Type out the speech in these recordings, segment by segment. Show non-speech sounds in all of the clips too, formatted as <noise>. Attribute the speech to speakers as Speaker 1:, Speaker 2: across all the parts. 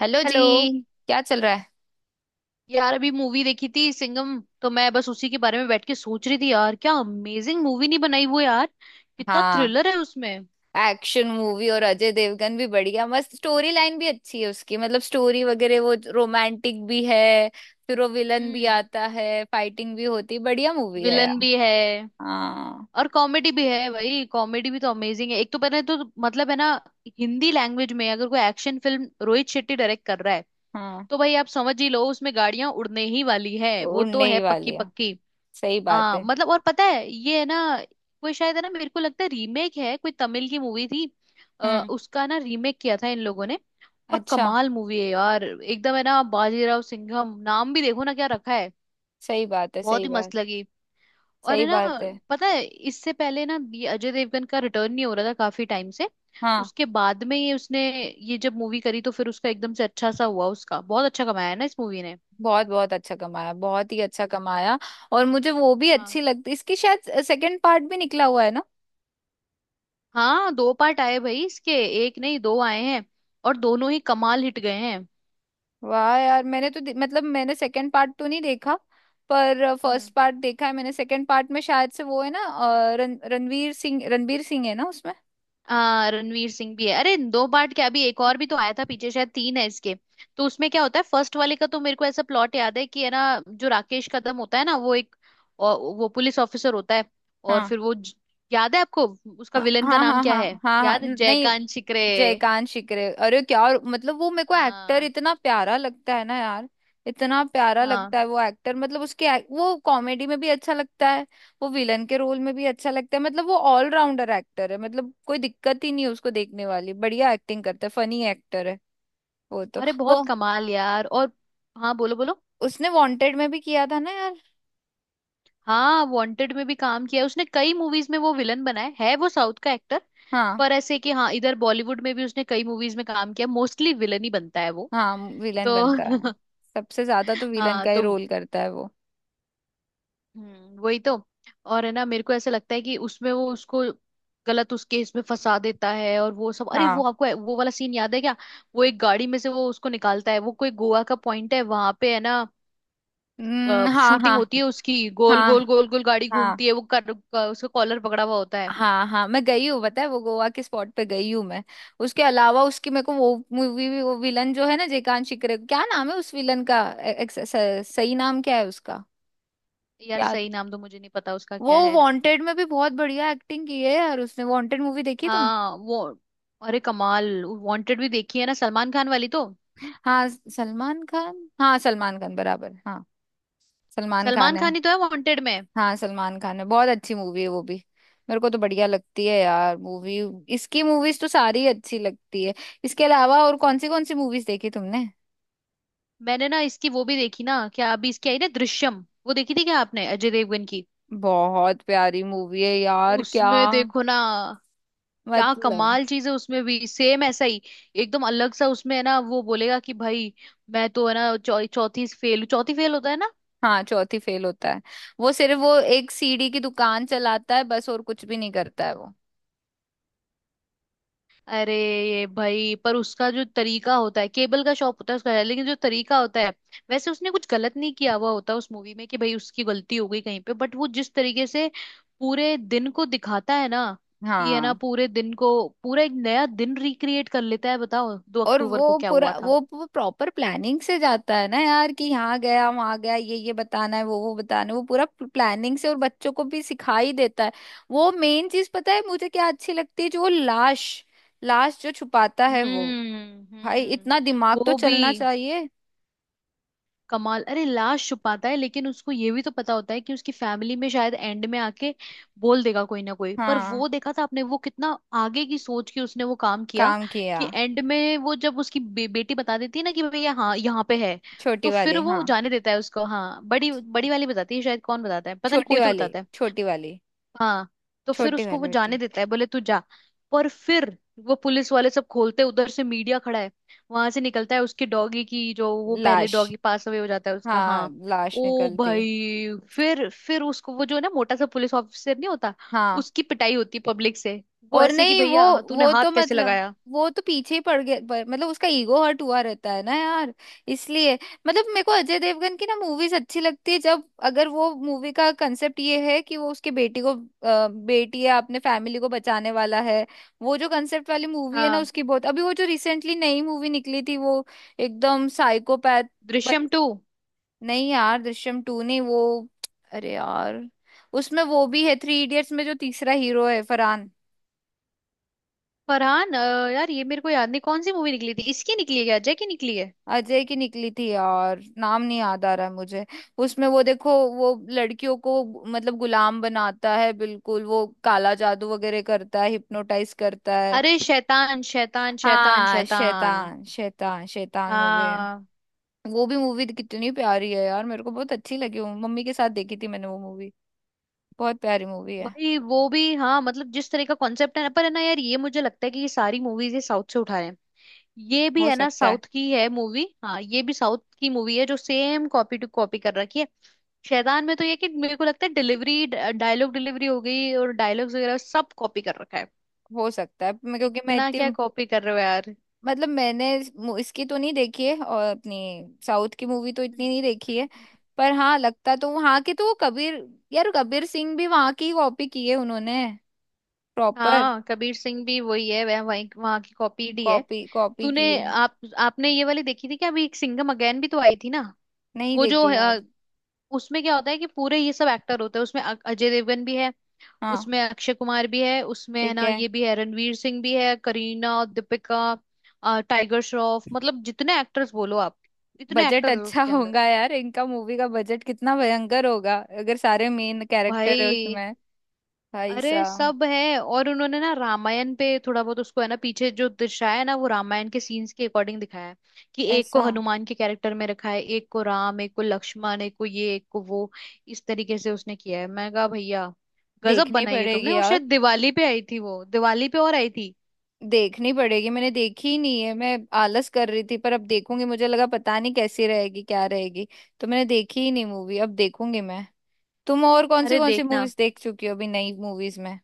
Speaker 1: Hello जी।
Speaker 2: Hello.
Speaker 1: क्या चल रहा है?
Speaker 2: यार, अभी मूवी देखी थी सिंघम, तो मैं बस उसी के बारे में बैठ के सोच रही थी। यार, क्या अमेजिंग मूवी नहीं बनाई वो यार। कितना
Speaker 1: हाँ,
Speaker 2: थ्रिलर है उसमें।
Speaker 1: एक्शन मूवी और अजय देवगन भी बढ़िया, मस्त। स्टोरी लाइन भी अच्छी है उसकी, मतलब स्टोरी वगैरह, वो रोमांटिक भी है। फिर वो विलन भी
Speaker 2: हम्म।
Speaker 1: आता है, फाइटिंग भी होती है, बढ़िया मूवी है
Speaker 2: विलन
Speaker 1: यार।
Speaker 2: भी है।
Speaker 1: हाँ।
Speaker 2: और कॉमेडी भी है भाई, कॉमेडी भी तो अमेजिंग है। एक तो पहले तो मतलब है ना, हिंदी लैंग्वेज में अगर कोई action film Rohit Shetty direct कर रहा है
Speaker 1: हाँ,
Speaker 2: तो भाई आप समझ ही लो, उसमें गाड़ियां उड़ने ही वाली है, वो तो
Speaker 1: उड़ने
Speaker 2: है
Speaker 1: ही
Speaker 2: पक्की
Speaker 1: वाली है।
Speaker 2: पक्की।
Speaker 1: सही बात
Speaker 2: हाँ
Speaker 1: है।
Speaker 2: मतलब, और पता है ये है ना, कोई शायद है ना, मेरे को लगता है रीमेक है, कोई तमिल की मूवी थी।
Speaker 1: हम्म।
Speaker 2: उसका ना रीमेक किया था इन लोगों ने। पर
Speaker 1: अच्छा।
Speaker 2: कमाल मूवी है यार, एकदम है ना। बाजीराव सिंघम नाम भी देखो ना क्या रखा है।
Speaker 1: सही बात है,
Speaker 2: बहुत
Speaker 1: सही
Speaker 2: ही
Speaker 1: बात।
Speaker 2: मस्त लगी। और
Speaker 1: सही
Speaker 2: है ना,
Speaker 1: बात है।
Speaker 2: पता है इससे पहले ना ये अजय देवगन का रिटर्न नहीं हो रहा था काफी टाइम से।
Speaker 1: हाँ,
Speaker 2: उसके बाद में ये उसने, ये जब मूवी करी तो फिर उसका एकदम से अच्छा सा हुआ, उसका बहुत अच्छा कमाया है ना इस मूवी ने।
Speaker 1: बहुत बहुत अच्छा कमाया, बहुत ही अच्छा कमाया। और मुझे वो भी अच्छी
Speaker 2: हाँ।
Speaker 1: लगती इसकी, शायद सेकंड पार्ट भी निकला हुआ है ना।
Speaker 2: हाँ, दो पार्ट आए भाई इसके। एक नहीं दो आए हैं। और दोनों ही कमाल हिट गए हैं।
Speaker 1: वाह यार, मैंने तो मतलब मैंने सेकंड पार्ट तो नहीं देखा। पर फर्स्ट
Speaker 2: हम्म।
Speaker 1: पार्ट देखा है मैंने। सेकंड पार्ट में शायद से वो है ना, रणवीर सिंह, रणवीर सिंह है ना उसमें।
Speaker 2: रणवीर सिंह भी है। अरे दो पार्ट क्या, अभी एक और भी तो आया था पीछे, शायद तीन है इसके। तो उसमें क्या होता है, फर्स्ट वाले का तो मेरे को ऐसा प्लॉट याद है कि है ना, जो राकेश कदम होता है ना वो एक, और वो पुलिस ऑफिसर होता है। और
Speaker 1: हाँ
Speaker 2: फिर याद है आपको? उसका
Speaker 1: हाँ
Speaker 2: विलन का
Speaker 1: हाँ
Speaker 2: नाम
Speaker 1: हाँ
Speaker 2: क्या है,
Speaker 1: हाँ हाँ हाँ,
Speaker 2: याद है?
Speaker 1: नहीं।
Speaker 2: जयकांत शिकरे।
Speaker 1: जयकांत शिकरे, अरे क्या मतलब वो मेरे को एक्टर
Speaker 2: हाँ।
Speaker 1: इतना प्यारा लगता है ना यार। इतना प्यारा
Speaker 2: हाँ,
Speaker 1: लगता है वो एक्टर, मतलब उसके वो कॉमेडी में भी अच्छा लगता है। वो विलन के रोल में भी अच्छा लगता है, मतलब वो ऑलराउंडर एक्टर है, मतलब कोई दिक्कत ही नहीं है उसको देखने वाली, बढ़िया एक्टिंग करता है, फनी एक्टर है वो तो।
Speaker 2: अरे
Speaker 1: वो
Speaker 2: बहुत कमाल यार। और हाँ, बोलो बोलो।
Speaker 1: उसने वांटेड में भी किया था ना यार।
Speaker 2: हाँ, वांटेड में भी काम किया है उसने, कई मूवीज में वो विलन बना है वो साउथ का एक्टर।
Speaker 1: हाँ।
Speaker 2: पर ऐसे कि हाँ, इधर बॉलीवुड में भी उसने कई मूवीज में काम किया, मोस्टली विलन ही बनता है वो।
Speaker 1: हाँ, विलन
Speaker 2: तो
Speaker 1: बनता है।
Speaker 2: <laughs>
Speaker 1: सबसे ज्यादा तो विलन
Speaker 2: हाँ
Speaker 1: का ही
Speaker 2: तो।
Speaker 1: रोल करता है वो।
Speaker 2: वही तो। और है ना, मेरे को ऐसा लगता है कि उसमें वो उसको गलत उस केस में फंसा देता है और वो सब। अरे
Speaker 1: हाँ।
Speaker 2: वो, आपको वो वाला सीन याद है क्या? वो एक गाड़ी में से वो उसको निकालता है, वो कोई गोवा का पॉइंट है वहां पे, है ना,
Speaker 1: हाँ
Speaker 2: शूटिंग
Speaker 1: हाँ।
Speaker 2: होती है उसकी। गोल
Speaker 1: हाँ
Speaker 2: गोल गोल गोल गाड़ी
Speaker 1: हाँ।
Speaker 2: घूमती है, उसका कॉलर पकड़ा हुआ होता है।
Speaker 1: हाँ हाँ मैं गई हूँ, पता है वो गोवा के स्पॉट पे गई हूँ मैं। उसके अलावा उसकी मेरे को वो मूवी भी, वो विलन जो है ना, जयकांत शिकरे, क्या नाम है उस विलन का? सही नाम क्या है उसका?
Speaker 2: यार
Speaker 1: याद।
Speaker 2: सही नाम तो मुझे नहीं पता उसका
Speaker 1: वो
Speaker 2: क्या है।
Speaker 1: वांटेड में भी बहुत बढ़िया एक्टिंग की है यार उसने। वांटेड मूवी देखी तुमने?
Speaker 2: हाँ वो, अरे कमाल। वांटेड भी देखी है ना, सलमान खान वाली तो।
Speaker 1: हाँ, सलमान खान, हाँ सलमान खान बराबर, हाँ। सलमान
Speaker 2: सलमान
Speaker 1: खान है।
Speaker 2: खान ही तो है वांटेड में।
Speaker 1: हाँ, सलमान खान है, बहुत अच्छी मूवी है वो भी। मेरे को तो बढ़िया लगती है यार मूवी। इसकी मूवीज तो सारी अच्छी लगती है। इसके अलावा और कौन सी मूवीज देखी तुमने?
Speaker 2: मैंने ना इसकी वो भी देखी ना, क्या अभी इसकी आई ना दृश्यम, वो देखी थी क्या आपने अजय देवगन की?
Speaker 1: बहुत प्यारी मूवी है यार क्या।
Speaker 2: उसमें देखो ना, क्या
Speaker 1: मतलब।
Speaker 2: कमाल चीज है। उसमें भी सेम ऐसा ही, एकदम अलग सा उसमें है ना। वो बोलेगा कि भाई मैं तो है ना चौथी फेल, चौथी फेल होता है।
Speaker 1: हाँ, चौथी फेल होता है। वो सिर्फ वो एक सीढ़ी की दुकान चलाता है बस, और कुछ भी नहीं करता है वो।
Speaker 2: अरे ये भाई, पर उसका जो तरीका होता है, केबल का शॉप होता है उसका, है लेकिन जो तरीका होता है, वैसे उसने कुछ गलत नहीं किया हुआ होता उस मूवी में कि भाई उसकी गलती हो गई कहीं पे, बट वो जिस तरीके से पूरे दिन को दिखाता है ना, कि है ना
Speaker 1: हाँ।
Speaker 2: पूरे दिन को, पूरा एक नया दिन रिक्रिएट कर लेता है। बताओ दो
Speaker 1: और
Speaker 2: अक्टूबर को
Speaker 1: वो
Speaker 2: क्या हुआ
Speaker 1: पूरा
Speaker 2: था।
Speaker 1: वो प्रॉपर प्लानिंग से जाता है ना यार, कि यहाँ गया, वहाँ गया, ये बताना है, वो बताना है, वो पूरा प्लानिंग से, और बच्चों को भी सिखा ही देता है। वो मेन चीज पता है मुझे क्या अच्छी लगती है, जो वो लाश, लाश जो छुपाता है वो।
Speaker 2: हम्म,
Speaker 1: भाई, इतना
Speaker 2: हम्म।
Speaker 1: दिमाग तो
Speaker 2: वो भी
Speaker 1: चलना चाहिए।
Speaker 2: कमाल। अरे लाश छुपाता है, लेकिन उसको ये भी तो पता होता है कि उसकी फैमिली में शायद एंड में आके बोल देगा कोई ना कोई। पर
Speaker 1: हाँ।
Speaker 2: वो देखा था आपने, वो कितना आगे की सोच के उसने वो काम किया।
Speaker 1: काम किया।
Speaker 2: कि एंड में वो जब उसकी बेटी बता देती है ना, कि भैया हाँ यहाँ पे है।
Speaker 1: छोटी
Speaker 2: तो फिर
Speaker 1: वाली,
Speaker 2: वो
Speaker 1: हाँ।
Speaker 2: जाने देता है उसको। हाँ, बड़ी बड़ी वाली बताती है शायद, कौन बताता है पता नहीं,
Speaker 1: छोटी
Speaker 2: कोई तो
Speaker 1: वाली,
Speaker 2: बताता है।
Speaker 1: छोटी वाली।
Speaker 2: हाँ। तो फिर
Speaker 1: छोटी
Speaker 2: उसको वो
Speaker 1: वाली बेटी।
Speaker 2: जाने देता है, बोले तू जा। पर फिर वो पुलिस वाले सब खोलते, उधर से मीडिया खड़ा है, वहां से निकलता है उसकी डॉगी की, जो वो पहले
Speaker 1: लाश।
Speaker 2: डॉगी पास अवे हो जाता है उसका।
Speaker 1: हाँ,
Speaker 2: हाँ।
Speaker 1: लाश
Speaker 2: ओ
Speaker 1: निकलती है।
Speaker 2: भाई, फिर उसको वो जो है ना मोटा सा पुलिस ऑफिसर नहीं होता,
Speaker 1: हाँ।
Speaker 2: उसकी पिटाई होती पब्लिक से। वो
Speaker 1: और
Speaker 2: ऐसे कि
Speaker 1: नहीं वो।
Speaker 2: भैया हाँ, तूने
Speaker 1: वो
Speaker 2: हाथ
Speaker 1: तो
Speaker 2: कैसे
Speaker 1: मतलब,
Speaker 2: लगाया।
Speaker 1: वो तो पीछे ही पड़ गया, पर मतलब उसका ईगो हर्ट हुआ रहता है ना यार, इसलिए। मतलब मेरे को अजय देवगन की ना मूवीज अच्छी लगती है जब, अगर वो मूवी का कंसेप्ट ये है कि वो उसके बेटी को बेटी या अपने फैमिली को बचाने वाला है। वो जो कंसेप्ट वाली मूवी है ना
Speaker 2: हाँ।
Speaker 1: उसकी बहुत, अभी वो जो रिसेंटली नई मूवी निकली थी वो एकदम साइकोपैथ। बच
Speaker 2: दृश्यम टू।
Speaker 1: नहीं यार, दृश्यम टू नहीं वो, अरे यार। उसमें वो भी है, थ्री इडियट्स में जो तीसरा हीरो है, फरहान।
Speaker 2: फरहान यार ये मेरे को याद नहीं कौन सी मूवी निकली थी, इसकी निकली है क्या अजय की निकली है?
Speaker 1: अजय की निकली थी यार, नाम नहीं याद आ रहा है मुझे। उसमें वो देखो, वो लड़कियों को मतलब गुलाम बनाता है, बिल्कुल वो काला जादू वगैरह करता है, हिप्नोटाइज करता है।
Speaker 2: अरे शैतान शैतान शैतान
Speaker 1: हाँ,
Speaker 2: शैतान।
Speaker 1: शैतान शैतान शैतान मूवी है।
Speaker 2: हाँ।
Speaker 1: वो भी मूवी कितनी प्यारी है यार, मेरे को बहुत अच्छी लगी, वो मम्मी के साथ देखी थी मैंने वो मूवी। बहुत प्यारी मूवी है।
Speaker 2: भाई वो भी हाँ मतलब, जिस तरह का कॉन्सेप्ट है ना, पर है ना यार ये मुझे लगता है कि ये सारी मूवीज ये साउथ से उठा रहे हैं। ये भी
Speaker 1: हो
Speaker 2: है ना
Speaker 1: सकता है।
Speaker 2: साउथ की है मूवी। हाँ, ये भी साउथ की मूवी है जो सेम कॉपी टू कॉपी कर रखी है। शैतान में तो ये कि मेरे को लगता है डिलीवरी, डायलॉग डिलीवरी हो गई, और डायलॉग्स वगैरह सब कॉपी कर रखा है।
Speaker 1: हो सकता है क्योंकि मैं
Speaker 2: इतना
Speaker 1: इतनी,
Speaker 2: क्या कॉपी कर रहे हो यार।
Speaker 1: मतलब मैंने इसकी तो नहीं देखी है, और अपनी साउथ की मूवी तो
Speaker 2: हम्म,
Speaker 1: इतनी नहीं देखी
Speaker 2: हम्म,
Speaker 1: है।
Speaker 2: हम्म।
Speaker 1: पर हाँ, लगता तो वहाँ के, तो वो कबीर, यार कबीर सिंह भी वहाँ की कॉपी की है उन्होंने, प्रॉपर
Speaker 2: हाँ कबीर सिंह भी वही है, वह वही वहां की कॉपी ही है।
Speaker 1: कॉपी कॉपी
Speaker 2: तूने
Speaker 1: की है।
Speaker 2: आप आपने ये वाली देखी थी क्या, अभी एक सिंघम अगेन भी तो आई थी ना?
Speaker 1: नहीं
Speaker 2: वो जो,
Speaker 1: देखी यार।
Speaker 2: उसमें क्या होता है कि पूरे ये सब एक्टर होते हैं उसमें, अजय देवगन भी है।
Speaker 1: हाँ
Speaker 2: उसमें अक्षय कुमार भी है, उसमें है
Speaker 1: ठीक
Speaker 2: ना,
Speaker 1: है।
Speaker 2: ये भी है, रणवीर सिंह भी है, करीना, दीपिका, टाइगर श्रॉफ, मतलब जितने एक्टर्स बोलो आप, इतने
Speaker 1: बजट
Speaker 2: एक्टर्स
Speaker 1: अच्छा
Speaker 2: उसके अंदर।
Speaker 1: होगा यार इनका मूवी का बजट, कितना भयंकर होगा अगर सारे मेन कैरेक्टर है
Speaker 2: भाई,
Speaker 1: उसमें। भाई
Speaker 2: अरे
Speaker 1: साहब।
Speaker 2: सब है। और उन्होंने ना रामायण पे थोड़ा बहुत उसको, है ना, पीछे जो दर्शाया है ना, वो रामायण के सीन्स के अकॉर्डिंग दिखाया है। कि एक को
Speaker 1: ऐसा।
Speaker 2: हनुमान के कैरेक्टर में रखा है, एक को राम, एक को लक्ष्मण, एक को ये, एक को वो, इस तरीके से उसने किया है। मैं कहा भैया गजब
Speaker 1: देखनी
Speaker 2: बनाई है तुमने।
Speaker 1: पड़ेगी
Speaker 2: और
Speaker 1: यार।
Speaker 2: शायद दिवाली पे आई थी वो, दिवाली पे और आई थी।
Speaker 1: देखनी पड़ेगी, मैंने देखी ही नहीं है, मैं आलस कर रही थी, पर अब देखूंगी, मुझे लगा पता नहीं कैसी रहेगी क्या रहेगी, तो मैंने देखी ही नहीं मूवी, अब देखूंगी मैं। तुम और
Speaker 2: अरे
Speaker 1: कौन सी
Speaker 2: देखना
Speaker 1: मूवीज देख चुकी हो अभी, नई मूवीज में?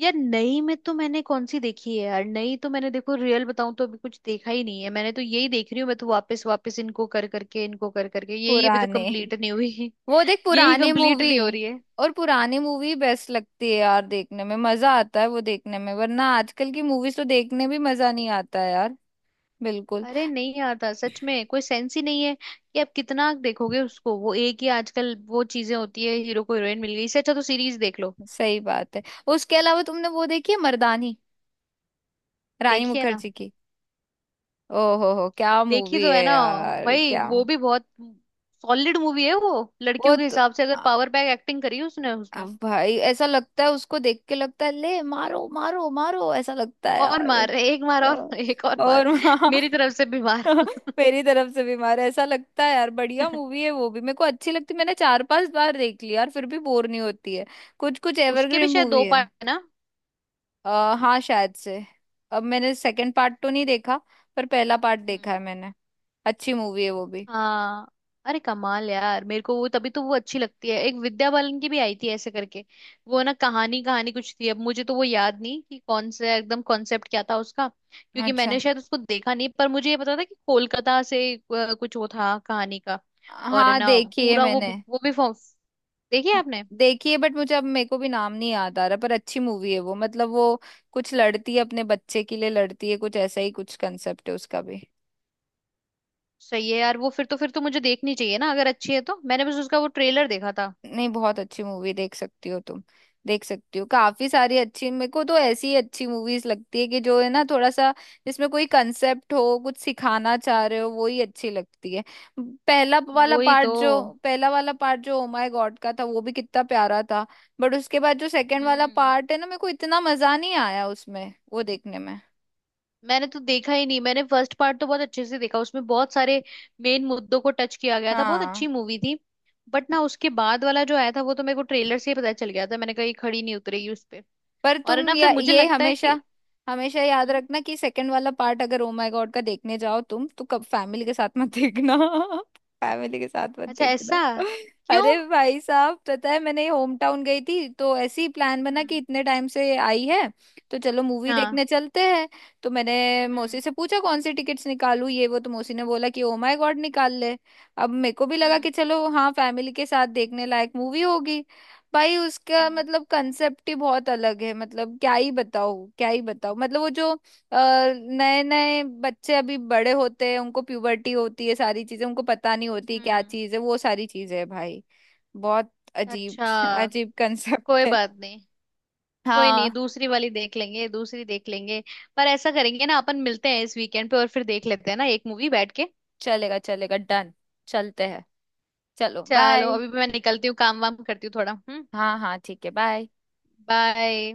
Speaker 2: यार, नई में तो मैंने कौन सी देखी है यार, नई तो मैंने देखो, रियल बताऊं तो अभी कुछ देखा ही नहीं है मैंने, तो यही देख रही हूँ मैं तो, वापस वापस इनको कर करके यही अभी तक
Speaker 1: पुराने।
Speaker 2: कंप्लीट नहीं हुई,
Speaker 1: वो देख
Speaker 2: यही
Speaker 1: पुराने
Speaker 2: कंप्लीट
Speaker 1: मूवी।
Speaker 2: नहीं हो रही है।
Speaker 1: और पुरानी मूवी बेस्ट लगती है यार, देखने में मजा आता है वो, देखने में। वरना आजकल की मूवीज तो देखने भी मजा नहीं आता है यार। बिल्कुल।
Speaker 2: अरे नहीं आता सच में, कोई सेंस ही नहीं है कि आप कितना देखोगे उसको, वो एक ही आजकल वो चीजें होती है, हीरो को हीरोइन मिल गई। इससे अच्छा तो सीरीज देख लो।
Speaker 1: सही बात है। उसके अलावा तुमने वो देखी है मर्दानी, रानी
Speaker 2: देखिए ना।
Speaker 1: मुखर्जी की? ओहो हो, क्या
Speaker 2: देखी
Speaker 1: मूवी
Speaker 2: तो
Speaker 1: है
Speaker 2: है ना।
Speaker 1: यार,
Speaker 2: भाई,
Speaker 1: क्या।
Speaker 2: वो भी बहुत सॉलिड मूवी है वो।
Speaker 1: वो
Speaker 2: लड़कियों के
Speaker 1: तो
Speaker 2: हिसाब से अगर,
Speaker 1: आ-
Speaker 2: पावर बैक एक्टिंग करी उसने उसमें।
Speaker 1: भाई, ऐसा लगता है उसको देख के, लगता है ले मारो मारो मारो, ऐसा लगता है
Speaker 2: और
Speaker 1: यार।
Speaker 2: मार, एक मार और
Speaker 1: अ,
Speaker 2: <laughs> एक और मार।
Speaker 1: और वहाँ
Speaker 2: मेरी तरफ से भी मार।
Speaker 1: <laughs> मेरी तरफ से भी मारो, ऐसा लगता है यार। बढ़िया मूवी है वो भी, मेरे को अच्छी लगती, मैंने चार पांच बार देख ली यार, फिर भी बोर नहीं होती है, कुछ कुछ
Speaker 2: उसके भी
Speaker 1: एवरग्रीन
Speaker 2: शायद
Speaker 1: मूवी
Speaker 2: दो
Speaker 1: है।
Speaker 2: पार्ट है ना।
Speaker 1: हाँ शायद से। अब मैंने सेकंड पार्ट तो नहीं देखा, पर पहला पार्ट देखा
Speaker 2: हम्म।
Speaker 1: है मैंने। अच्छी मूवी है वो भी।
Speaker 2: हाँ, अरे कमाल यार, मेरे को वो तभी तो वो अच्छी लगती है। एक विद्या बालन की भी आई थी ऐसे करके। वो ना कहानी कहानी कुछ थी, अब मुझे तो वो याद नहीं कि कौन सा एकदम कॉन्सेप्ट क्या था उसका, क्योंकि
Speaker 1: अच्छा।
Speaker 2: मैंने शायद उसको देखा नहीं, पर मुझे ये पता था कि कोलकाता से कुछ वो था कहानी का। और
Speaker 1: हाँ,
Speaker 2: ना
Speaker 1: देखी है
Speaker 2: पूरा वो
Speaker 1: मैंने।
Speaker 2: वो भी फॉर्म। देखी है
Speaker 1: हाँ,
Speaker 2: आपने?
Speaker 1: देखिए, बट मुझे अब मेरे को भी नाम नहीं याद आ रहा, पर अच्छी मूवी है वो, मतलब वो कुछ लड़ती है अपने बच्चे के लिए, लड़ती है, कुछ ऐसा ही कुछ कंसेप्ट है उसका भी।
Speaker 2: सही है यार, वो फिर तो मुझे देखनी चाहिए ना अगर अच्छी है तो। मैंने बस उसका वो ट्रेलर देखा था।
Speaker 1: नहीं, बहुत अच्छी मूवी, देख सकती हो तुम, देख सकती हो, काफी सारी अच्छी। मेरे को तो ऐसी अच्छी मूवीज लगती है, कि जो है ना थोड़ा सा, जिसमें कोई कंसेप्ट हो, कुछ सिखाना चाह रहे हो, वो ही अच्छी लगती है। पहला वाला
Speaker 2: वही
Speaker 1: पार्ट
Speaker 2: तो।
Speaker 1: जो पहला वाला पार्ट जो ओ माय गॉड का था, वो भी कितना प्यारा था। बट उसके बाद जो सेकंड वाला
Speaker 2: हम्म।
Speaker 1: पार्ट है ना, मेरे को इतना मजा नहीं आया उसमें, वो देखने में।
Speaker 2: मैंने तो देखा ही नहीं, मैंने फर्स्ट पार्ट तो बहुत अच्छे से देखा, उसमें बहुत सारे मेन मुद्दों को टच किया गया था, बहुत अच्छी
Speaker 1: हाँ,
Speaker 2: मूवी थी। बट ना उसके बाद वाला जो आया था वो तो मेरे को ट्रेलर से ही पता चल गया था, मैंने कहा ये खड़ी नहीं उतरेगी उस पे।
Speaker 1: पर
Speaker 2: और है
Speaker 1: तुम
Speaker 2: ना, फिर मुझे
Speaker 1: ये
Speaker 2: लगता है कि।
Speaker 1: हमेशा, हमेशा याद
Speaker 2: हम्म,
Speaker 1: रखना, कि सेकंड वाला पार्ट अगर ओ माय गॉड का देखने जाओ तुम, तो कब फैमिली के साथ मत
Speaker 2: हम्म।
Speaker 1: देखना। <laughs> फैमिली के साथ मत
Speaker 2: अच्छा।
Speaker 1: देखना।
Speaker 2: ऐसा
Speaker 1: <laughs>
Speaker 2: क्यों?
Speaker 1: अरे भाई साहब, पता है मैंने होम टाउन गई थी, तो ऐसी प्लान बना कि
Speaker 2: हम्म।
Speaker 1: इतने टाइम से आई है तो चलो मूवी
Speaker 2: हाँ।
Speaker 1: देखने चलते हैं। तो मैंने मौसी
Speaker 2: हम्म,
Speaker 1: से पूछा कौन सी टिकट्स निकालूं ये वो, तो मौसी ने बोला कि ओ माय गॉड निकाल ले। अब मेरे को भी लगा
Speaker 2: हम्म,
Speaker 1: कि चलो, हाँ, फैमिली के साथ देखने लायक मूवी होगी। भाई, उसका
Speaker 2: हम्म,
Speaker 1: मतलब कंसेप्ट ही बहुत अलग है, मतलब क्या ही बताओ, क्या ही बताओ। मतलब वो जो नए नए बच्चे अभी बड़े होते हैं, उनको प्यूबर्टी होती है, सारी चीजें उनको पता नहीं होती क्या
Speaker 2: हम्म।
Speaker 1: चीज है, वो सारी चीजें है भाई। बहुत अजीब।
Speaker 2: अच्छा।
Speaker 1: <laughs> अजीब
Speaker 2: कोई
Speaker 1: कंसेप्ट है।
Speaker 2: बात नहीं। कोई नहीं,
Speaker 1: हाँ।
Speaker 2: दूसरी वाली देख लेंगे, दूसरी देख लेंगे। पर ऐसा करेंगे ना, अपन मिलते हैं इस वीकेंड पे और फिर देख लेते हैं ना एक मूवी बैठ के।
Speaker 1: चलेगा चलेगा, डन। चलते हैं। चलो
Speaker 2: चलो
Speaker 1: बाय।
Speaker 2: अभी मैं निकलती हूँ, काम वाम करती हूँ थोड़ा। हम्म।
Speaker 1: हाँ हाँ ठीक है, बाय।
Speaker 2: बाय।